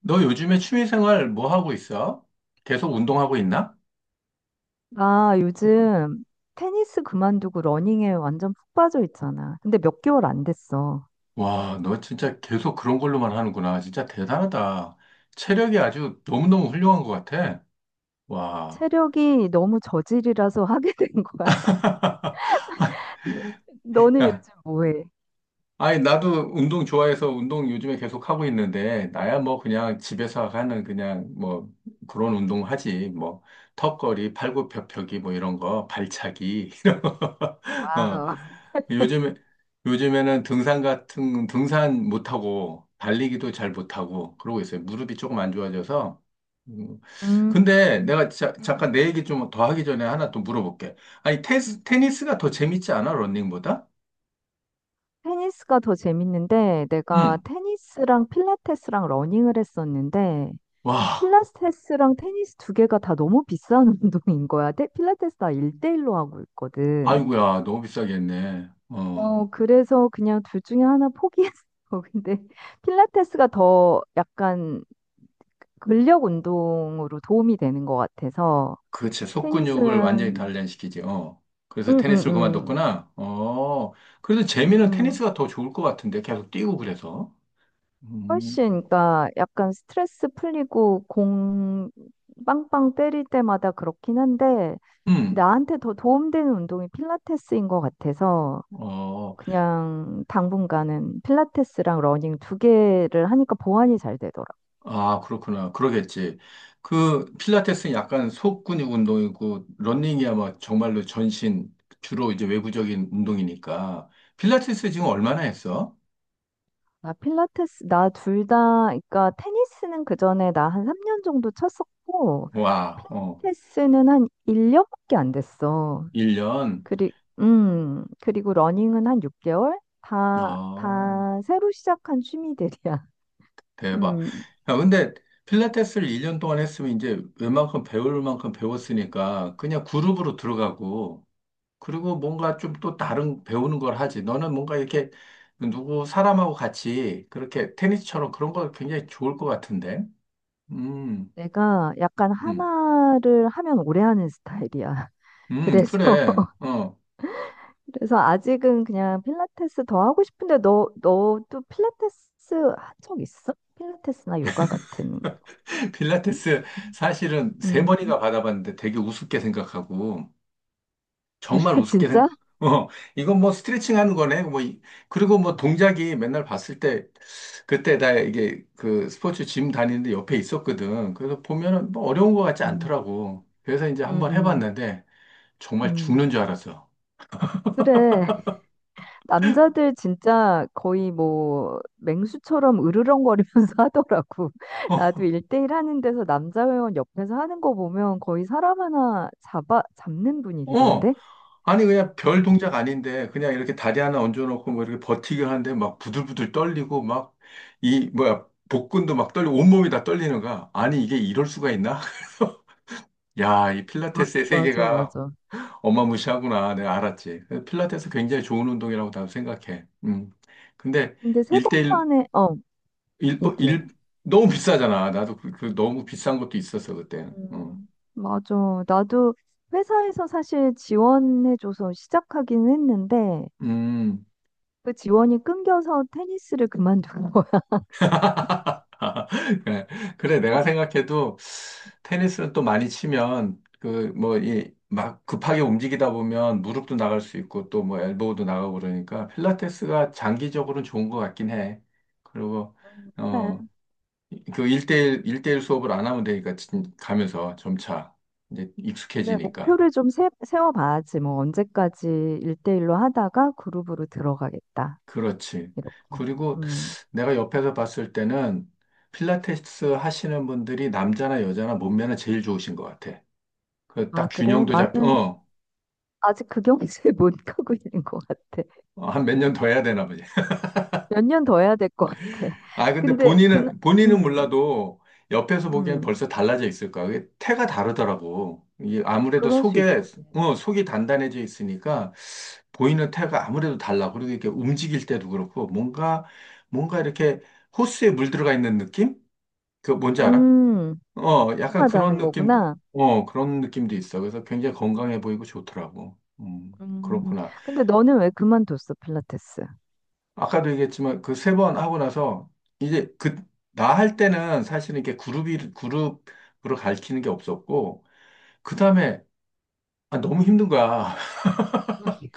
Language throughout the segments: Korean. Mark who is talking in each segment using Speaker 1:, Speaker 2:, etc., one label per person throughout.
Speaker 1: 너 요즘에 취미생활 뭐 하고 있어? 계속 운동하고 있나?
Speaker 2: 나 요즘 테니스 그만두고 러닝에 완전 푹 빠져 있잖아. 근데 몇 개월 안 됐어.
Speaker 1: 와, 너 진짜 계속 그런 걸로만 하는구나. 진짜 대단하다. 체력이 아주 너무너무 훌륭한 것 같아. 와.
Speaker 2: 체력이 너무 저질이라서 하게 된 거야. 너- 너는 요즘
Speaker 1: 야,
Speaker 2: 뭐해?
Speaker 1: 아니, 나도 운동 좋아해서 운동 요즘에 계속 하고 있는데, 나야 뭐 그냥 집에서 하는 그냥 뭐 그런 운동 하지. 뭐 턱걸이, 팔굽혀펴기 뭐 이런 거, 발차기, 이런 거. 어.
Speaker 2: 와우.
Speaker 1: 요즘에, 요즘에는 등산 같은, 등산 못하고, 달리기도 잘 못하고, 그러고 있어요. 무릎이 조금 안 좋아져서. 음,
Speaker 2: 음,
Speaker 1: 근데 내가 잠깐 내 얘기 좀 더 하기 전에 하나 또 물어볼게. 아니, 테니스가 더 재밌지 않아? 러닝보다?
Speaker 2: 테니스가 더 재밌는데 내가
Speaker 1: 응.
Speaker 2: 테니스랑 필라테스랑 러닝을 했었는데
Speaker 1: 와.
Speaker 2: 필라테스랑 테니스 두 개가 다 너무 비싼 운동인 거야. 필라테스 나 1대1로 하고 있거든.
Speaker 1: 아이고야, 너무 비싸게 했네. 어,
Speaker 2: 어, 그래서 그냥 둘 중에 하나 포기했어. 근데 필라테스가 더 약간 근력 운동으로 도움이 되는 것 같아서
Speaker 1: 그치. 속근육을 완전히
Speaker 2: 테니스는
Speaker 1: 단련시키지. 어. 그래서
Speaker 2: 음, 음,
Speaker 1: 테니스를
Speaker 2: 음,
Speaker 1: 그만뒀구나. 어. 그래도 재미는
Speaker 2: 음.
Speaker 1: 테니스가 더 좋을 것 같은데. 계속 뛰고 그래서. 음.
Speaker 2: 훨씬 그러니까 약간 스트레스 풀리고 공 빵빵 때릴 때마다 그렇긴 한데
Speaker 1: 음.
Speaker 2: 나한테 더 도움되는 운동이 필라테스인 것 같아서
Speaker 1: 어.
Speaker 2: 그냥 당분간은 필라테스랑 러닝 두 개를 하니까 보완이 잘 되더라고요.
Speaker 1: 아, 그렇구나. 그러겠지. 그 필라테스는 약간 속근육 운동이고 러닝이야 막 정말로 전신 주로 이제 외부적인 운동이니까. 필라테스 지금 얼마나 했어?
Speaker 2: 나 필라테스, 나 둘 다, 그러니까 테니스는 그 전에 나 한 3년 정도 쳤었고,
Speaker 1: 와. 어.
Speaker 2: 필라테스는 한 1년밖에 안 됐어.
Speaker 1: 1년.
Speaker 2: 그리, 그리고 러닝은 한 6개월? 다,
Speaker 1: 아.
Speaker 2: 다 새로 시작한 취미들이야.
Speaker 1: 대박.
Speaker 2: 음,
Speaker 1: 야, 근데 필라테스를 1년 동안 했으면 이제 웬만큼 배울 만큼 배웠으니까 그냥 그룹으로 들어가고 그리고 뭔가 좀 또 다른 배우는 걸 하지. 너는 뭔가 이렇게 누구 사람하고 같이 그렇게 테니스처럼 그런 거 굉장히 좋을 것 같은데. 음,
Speaker 2: 내가 약간
Speaker 1: 음,
Speaker 2: 하나를 하면 오래 하는 스타일이야. 그래서,
Speaker 1: 그래. 어.
Speaker 2: 그래서 아직은 그냥 필라테스 더 하고 싶은데, 너도 필라테스 한 적 있어? 필라테스나 요가 같은.
Speaker 1: 필라테스 사실은 세
Speaker 2: 음.
Speaker 1: 번이나 받아봤는데 되게 우습게 생각하고 정말 우습게
Speaker 2: 진짜?
Speaker 1: 생각. 어, 이건 뭐 스트레칭 하는 거네. 그리고 뭐 동작이 맨날 봤을 때 그때 나 이게 그 스포츠 짐 다니는데 옆에 있었거든. 그래서 보면은 뭐 어려운 거 같지
Speaker 2: 음,
Speaker 1: 않더라고. 그래서 이제
Speaker 2: 음,
Speaker 1: 한번
Speaker 2: 음,
Speaker 1: 해봤는데 정말
Speaker 2: 음.
Speaker 1: 죽는 줄 알았어.
Speaker 2: 그래. 남자들 진짜 거의 뭐 맹수처럼 으르렁거리면서 하더라고. 나도
Speaker 1: 어,
Speaker 2: 일대일 하는 데서 남자 회원 옆에서 하는 거 보면 거의 사람 하나 잡는
Speaker 1: 어.
Speaker 2: 분위기던데?
Speaker 1: 아니 그냥 별 동작 아닌데 그냥 이렇게 다리 하나 얹어놓고 뭐 이렇게 버티기 하는데 막 부들부들 떨리고 막 이 뭐야 복근도 막 떨리고 온몸이 다 떨리는 거야. 아니 이게 이럴 수가 있나? 야, 이 필라테스의
Speaker 2: 맞아,
Speaker 1: 세계가
Speaker 2: 맞아.
Speaker 1: 엄마 무시하구나. 내가 알았지. 필라테스 굉장히 좋은 운동이라고 나도 생각해. 음. 근데
Speaker 2: 근데 세 번
Speaker 1: 일대일일
Speaker 2: 만에, 어, 얘기해.
Speaker 1: 일- 너무 비싸잖아. 나도 그, 그 너무 비싼 것도 있었어, 그때는. 음.
Speaker 2: 음, 맞아. 나도 회사에서 사실 지원해줘서 시작하긴 했는데,
Speaker 1: 음.
Speaker 2: 그 지원이 끊겨서 테니스를 그만둔 거야.
Speaker 1: 그래. 그래, 내가 생각해도 테니스는 또 많이 치면 그 뭐 이 막 급하게 움직이다 보면 무릎도 나갈 수 있고 또 뭐 엘보우도 나가고 그러니까 필라테스가 장기적으로는 좋은 것 같긴 해. 그리고
Speaker 2: 그래.
Speaker 1: 어, 그 1대1, 일대일 수업을 안 하면 되니까 가면서 점차 이제
Speaker 2: 그래,
Speaker 1: 익숙해지니까.
Speaker 2: 목표를 좀 세워봐야지. 뭐, 언제까지 일대일로 하다가 그룹으로 들어가겠다.
Speaker 1: 그렇지.
Speaker 2: 이렇게.
Speaker 1: 그리고
Speaker 2: 음.
Speaker 1: 내가 옆에서 봤을 때는 필라테스 하시는 분들이 남자나 여자나 몸매는 제일 좋으신 것 같아. 그
Speaker 2: 아,
Speaker 1: 딱
Speaker 2: 그래?
Speaker 1: 균형도
Speaker 2: 나는
Speaker 1: 잡혀,
Speaker 2: 아직 그 경지에 못 가고 있는 것 같아.
Speaker 1: 어, 한 몇 년 더 해야 되나 보지.
Speaker 2: 몇 년 더 해야 될 것 같아.
Speaker 1: 아, 근데
Speaker 2: 근데, 그,
Speaker 1: 본인은, 본인은
Speaker 2: 음,
Speaker 1: 몰라도 옆에서 보기엔
Speaker 2: 음,
Speaker 1: 벌써 달라져 있을 거야. 그게 태가 다르더라고. 이게 아무래도
Speaker 2: 그럴 수 있지.
Speaker 1: 속에, 어, 속이 단단해져 있으니까 보이는 태가 아무래도 달라. 그리고 이렇게 움직일 때도 그렇고 뭔가, 뭔가 이렇게 호수에 물 들어가 있는 느낌? 그 뭔지 알아?
Speaker 2: 음,
Speaker 1: 어, 약간 그런
Speaker 2: 하다는
Speaker 1: 느낌도,
Speaker 2: 거구나.
Speaker 1: 어, 그런 느낌도 있어. 그래서 굉장히 건강해 보이고 좋더라고.
Speaker 2: 음,
Speaker 1: 그렇구나.
Speaker 2: 근데 너는 왜 그만뒀어, 필라테스?
Speaker 1: 아까도 얘기했지만 그 세 번 하고 나서 이제 그 나 할 때는 사실은 이렇게 그룹이 그룹으로 가르치는 게 없었고 그 다음에 아, 너무 힘든 거야.
Speaker 2: 음.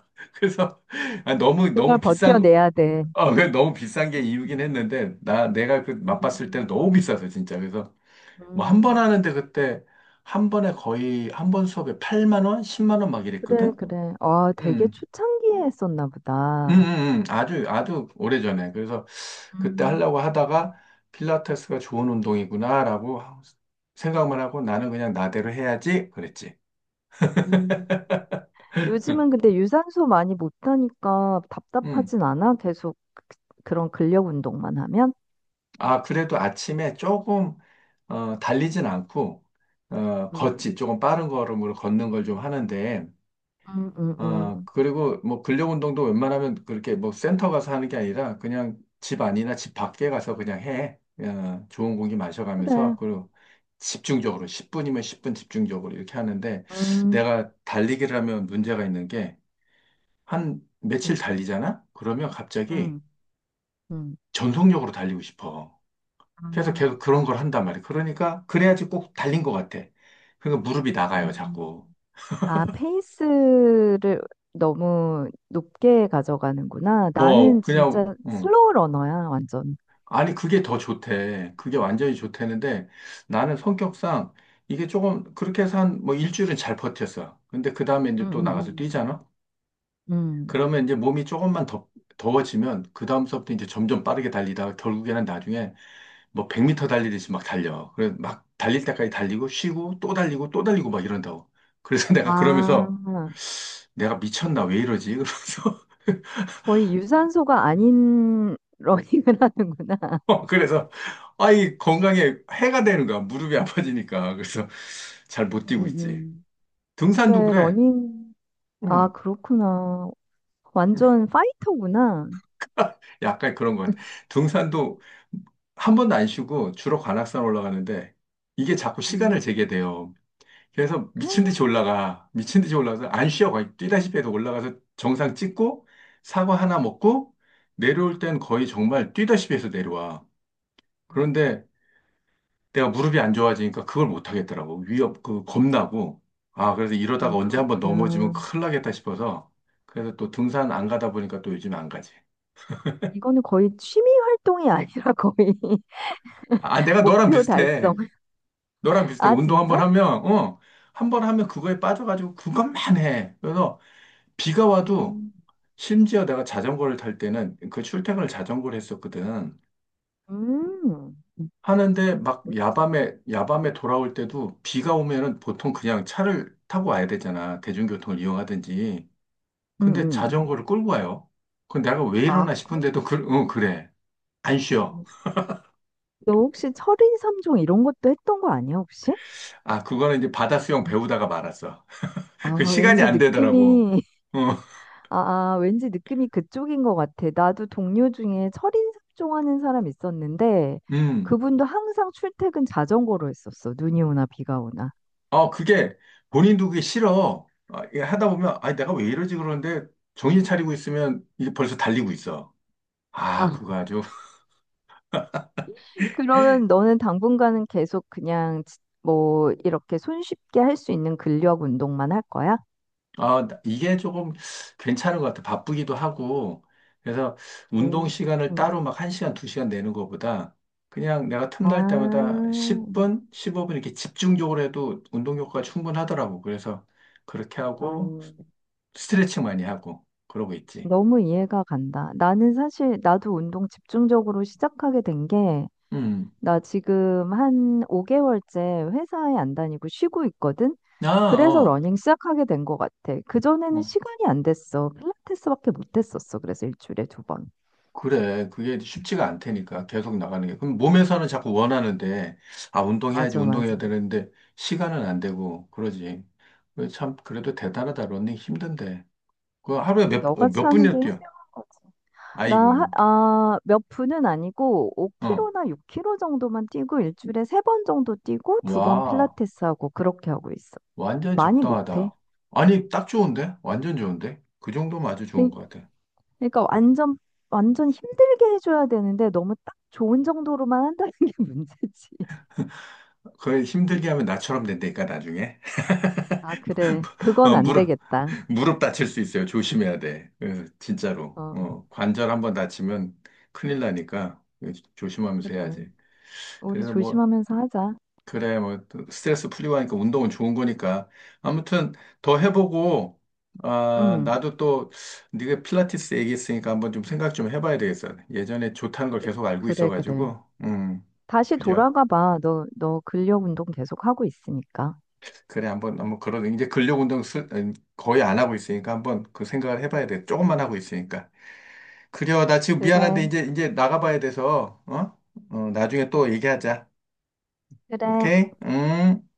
Speaker 1: 그래서 아, 너무
Speaker 2: 그걸
Speaker 1: 너무 비싼
Speaker 2: 버텨내야 돼.
Speaker 1: 어, 그 너무 비싼 게 이유긴 했는데 나 내가 그 맛봤을 때는
Speaker 2: 음,
Speaker 1: 너무 비싸서 진짜 그래서 뭐 한 번
Speaker 2: 음.
Speaker 1: 하는데 그때 한 번에 거의 한 번 수업에 8만 원, 10만 원 막
Speaker 2: 그래,
Speaker 1: 이랬거든.
Speaker 2: 그래. 아, 되게
Speaker 1: 음.
Speaker 2: 초창기에 했었나 보다.
Speaker 1: 아주, 아주 오래전에. 그래서 그때
Speaker 2: 음,
Speaker 1: 하려고 하다가 필라테스가 좋은 운동이구나라고 생각만 하고 나는 그냥 나대로 해야지 그랬지.
Speaker 2: 음. 요즘은 근데 유산소 많이 못하니까
Speaker 1: 음.
Speaker 2: 답답하진 않아? 계속 그런 근력 운동만 하면?
Speaker 1: 아, 그래도 아침에 조금, 어, 달리진 않고, 어,
Speaker 2: 음,
Speaker 1: 걷지. 조금 빠른 걸음으로 걷는 걸 좀 하는데,
Speaker 2: 음, 음,
Speaker 1: 아,
Speaker 2: 음.
Speaker 1: 그리고 뭐 근력 운동도 웬만하면 그렇게 뭐 센터 가서 하는 게 아니라 그냥 집 안이나 집 밖에 가서 그냥 해. 어, 좋은 공기 마셔가면서
Speaker 2: 그래.
Speaker 1: 그리고 집중적으로 10분이면 10분 집중적으로 이렇게 하는데
Speaker 2: 음,
Speaker 1: 내가 달리기를 하면 문제가 있는 게 한 며칠
Speaker 2: 음,
Speaker 1: 달리잖아? 그러면 갑자기
Speaker 2: 음, 음.
Speaker 1: 전속력으로 달리고 싶어. 그래서
Speaker 2: 아,
Speaker 1: 계속 그런 걸 한단 말이야. 그러니까 그래야지 꼭 달린 것 같아. 그러니까 무릎이 나가요, 자꾸.
Speaker 2: 음. 아, 페이스를 너무 높게 가져가는구나.
Speaker 1: 어,
Speaker 2: 나는
Speaker 1: 그냥,
Speaker 2: 진짜 슬로우 러너야, 완전.
Speaker 1: 아니, 그게 더 좋대. 그게 완전히 좋대는데 나는 성격상 이게 조금 그렇게 해서 한 뭐 일주일은 잘 버텼어. 근데 그 다음에
Speaker 2: 음,
Speaker 1: 이제 또 나가서
Speaker 2: 음,
Speaker 1: 뛰잖아?
Speaker 2: 음.
Speaker 1: 그러면 이제 몸이 조금만 더, 더워지면 그 다음서부터 이제 점점 빠르게 달리다가 결국에는 나중에 뭐 100m 달리듯이 막 달려. 그래서 막 달릴 때까지 달리고 쉬고 또 달리고 또 달리고 막 이런다고. 그래서
Speaker 2: 아,
Speaker 1: 내가 그러면서
Speaker 2: 아,
Speaker 1: 내가 미쳤나 왜 이러지? 그러면서
Speaker 2: 거의 유산소가 아닌 러닝을 하는구나.
Speaker 1: 그래서 아이 건강에 해가 되는 거야. 무릎이 아파지니까. 그래서 잘 못
Speaker 2: 음,
Speaker 1: 뛰고
Speaker 2: 음,
Speaker 1: 있지. 등산도
Speaker 2: 그래,
Speaker 1: 그래.
Speaker 2: 러닝. 아,
Speaker 1: 응.
Speaker 2: 그렇구나. 완전 파이터구나.
Speaker 1: 약간 그런 것 같아. 등산도 한 번도 안 쉬고 주로 관악산 올라가는데 이게 자꾸 시간을 재게
Speaker 2: 음.
Speaker 1: 돼요. 그래서 미친 듯이 올라가. 미친 듯이 올라가서 안 쉬어. 거의 뛰다시피 해서 올라가서 정상 찍고 사과 하나 먹고 내려올 땐 거의 정말 뛰다시피 해서 내려와. 그런데 내가 무릎이 안 좋아지니까 그걸 못 하겠더라고. 위협, 그, 겁나고. 아, 그래서 이러다가 언제 한번 넘어지면
Speaker 2: 그렇구나.
Speaker 1: 큰일 나겠다 싶어서. 그래서 또 등산 안 가다 보니까 또 요즘 안 가지.
Speaker 2: 이거는 거의 취미 활동이 아니라 거의
Speaker 1: 아, 아, 내가 너랑
Speaker 2: 목표 달성.
Speaker 1: 비슷해. 너랑 비슷해.
Speaker 2: 아,
Speaker 1: 운동 한번
Speaker 2: 진짜?
Speaker 1: 하면, 어, 한번 하면 그거에 빠져가지고 그것만 해. 그래서 비가 와도
Speaker 2: 음.
Speaker 1: 심지어 내가 자전거를 탈 때는 그 출퇴근을 자전거를 했었거든.
Speaker 2: 음, 음.
Speaker 1: 하는데 막 야밤에, 야밤에 돌아올 때도 비가 오면은 보통 그냥 차를 타고 와야 되잖아. 대중교통을 이용하든지.
Speaker 2: 음,
Speaker 1: 근데
Speaker 2: 음.
Speaker 1: 자전거를 끌고 와요. 그 내가 왜
Speaker 2: 아,
Speaker 1: 이러나 싶은데도 그, 응, 그래. 안 쉬어.
Speaker 2: 너 혹시 철인 삼종 이런 것도 했던 거 아니야, 혹시?
Speaker 1: 아, 그거는 이제 바다 수영
Speaker 2: 음.
Speaker 1: 배우다가 말았어. 그
Speaker 2: 아,
Speaker 1: 시간이
Speaker 2: 왠지
Speaker 1: 안 되더라고.
Speaker 2: 느낌이
Speaker 1: 어,
Speaker 2: 아, 아, 왠지 느낌이 그쪽인 것 같아. 나도 동료 중에 철인삼종 하는 사람 있었는데,
Speaker 1: 음.
Speaker 2: 그분도 항상 출퇴근 자전거로 했었어. 눈이 오나 비가 오나.
Speaker 1: 어, 그게 본인도 그게 싫어. 아, 이게 하다 보면 아, 내가 왜 이러지 그러는데 정신 차리고 있으면 이게 벌써 달리고 있어. 아,
Speaker 2: 아,
Speaker 1: 그거 아주
Speaker 2: 그러면 너는 당분간은 계속 그냥 뭐 이렇게 손쉽게 할 수 있는 근력 운동만 할 거야?
Speaker 1: 아, 이게 조금 괜찮은 것 같아. 바쁘기도 하고. 그래서 운동
Speaker 2: 음,
Speaker 1: 시간을
Speaker 2: 음,
Speaker 1: 따로 막 1시간, 2시간 내는 것보다 그냥 내가 틈날
Speaker 2: 아,
Speaker 1: 때마다 10분, 15분 이렇게 집중적으로 해도 운동 효과가 충분하더라고. 그래서 그렇게 하고
Speaker 2: 난,
Speaker 1: 스트레칭 많이 하고 그러고 있지.
Speaker 2: 너무 이해가 간다. 나는 사실 나도 운동 집중적으로 시작하게 된게
Speaker 1: 음.
Speaker 2: 나 지금 한 5개월째 회사에 안 다니고 쉬고 있거든?
Speaker 1: 아,
Speaker 2: 그래서
Speaker 1: 어.
Speaker 2: 러닝 시작하게 된 것 같아. 그전에는
Speaker 1: 뭐.
Speaker 2: 시간이 안 됐어. 필라테스밖에 못 했었어. 그래서 일주일에 두 번.
Speaker 1: 그래, 그게 쉽지가 않다니까, 계속 나가는 게. 그럼 몸에서는 자꾸 원하는데, 아, 운동해야지,
Speaker 2: 맞아, 맞아.
Speaker 1: 운동해야 되는데, 시간은 안 되고, 그러지. 그래, 참, 그래도 대단하다, 러닝 힘든데. 그 하루에 몇, 어,
Speaker 2: 너같이
Speaker 1: 몇
Speaker 2: 하는 게
Speaker 1: 분이나 뛰어?
Speaker 2: 현명한 거지. 나, 하-
Speaker 1: 아이고,
Speaker 2: 아, 몇 분은 아니고
Speaker 1: 어.
Speaker 2: 5km나 6km 정도만 뛰고 일주일에 세 번 정도 뛰고 두 번
Speaker 1: 와,
Speaker 2: 필라테스 하고 그렇게 하고 있어.
Speaker 1: 완전
Speaker 2: 많이 못 해.
Speaker 1: 적당하다. 아니, 딱 좋은데? 완전 좋은데? 그 정도면 아주 좋은 것 같아.
Speaker 2: 그러니까
Speaker 1: 응.
Speaker 2: 완전 완전 힘들게 해줘야 되는데 너무 딱 좋은 정도로만 한다는 게 문제지.
Speaker 1: 그걸 힘들게 하면 나처럼 된다니까, 나중에.
Speaker 2: 아, 그래. 그건
Speaker 1: 어,
Speaker 2: 안
Speaker 1: 물어.
Speaker 2: 되겠다.
Speaker 1: 무릎 다칠 수 있어요. 조심해야 돼. 예, 진짜로.
Speaker 2: 어,
Speaker 1: 어, 관절 한번 다치면 큰일 나니까 예, 조심하면서
Speaker 2: 그래.
Speaker 1: 해야지.
Speaker 2: 우리
Speaker 1: 그래서 뭐,
Speaker 2: 조심하면서 하자.
Speaker 1: 그래, 뭐, 또 스트레스 풀리고 하니까 운동은 좋은 거니까. 아무튼 더 해보고, 아,
Speaker 2: 응.
Speaker 1: 나도 또 네가 필라테스 얘기했으니까 한번 좀 생각 좀 해봐야 되겠어. 예전에 좋다는 걸
Speaker 2: 그-
Speaker 1: 계속 알고
Speaker 2: 그래, 그래.
Speaker 1: 있어가지고,
Speaker 2: 다시
Speaker 1: 그래.
Speaker 2: 돌아가 봐. 너 근력 운동 계속 하고 있으니까.
Speaker 1: 그래, 한번, 한번 그런, 이제 근력 운동 거의 안 하고 있으니까 한번 그 생각을 해봐야 돼. 조금만 하고 있으니까. 그래요. 나 지금 미안한데
Speaker 2: 그래,
Speaker 1: 이제 나가봐야 돼서 어? 어, 나중에 또 얘기하자.
Speaker 2: 그래.
Speaker 1: 오케이? 음.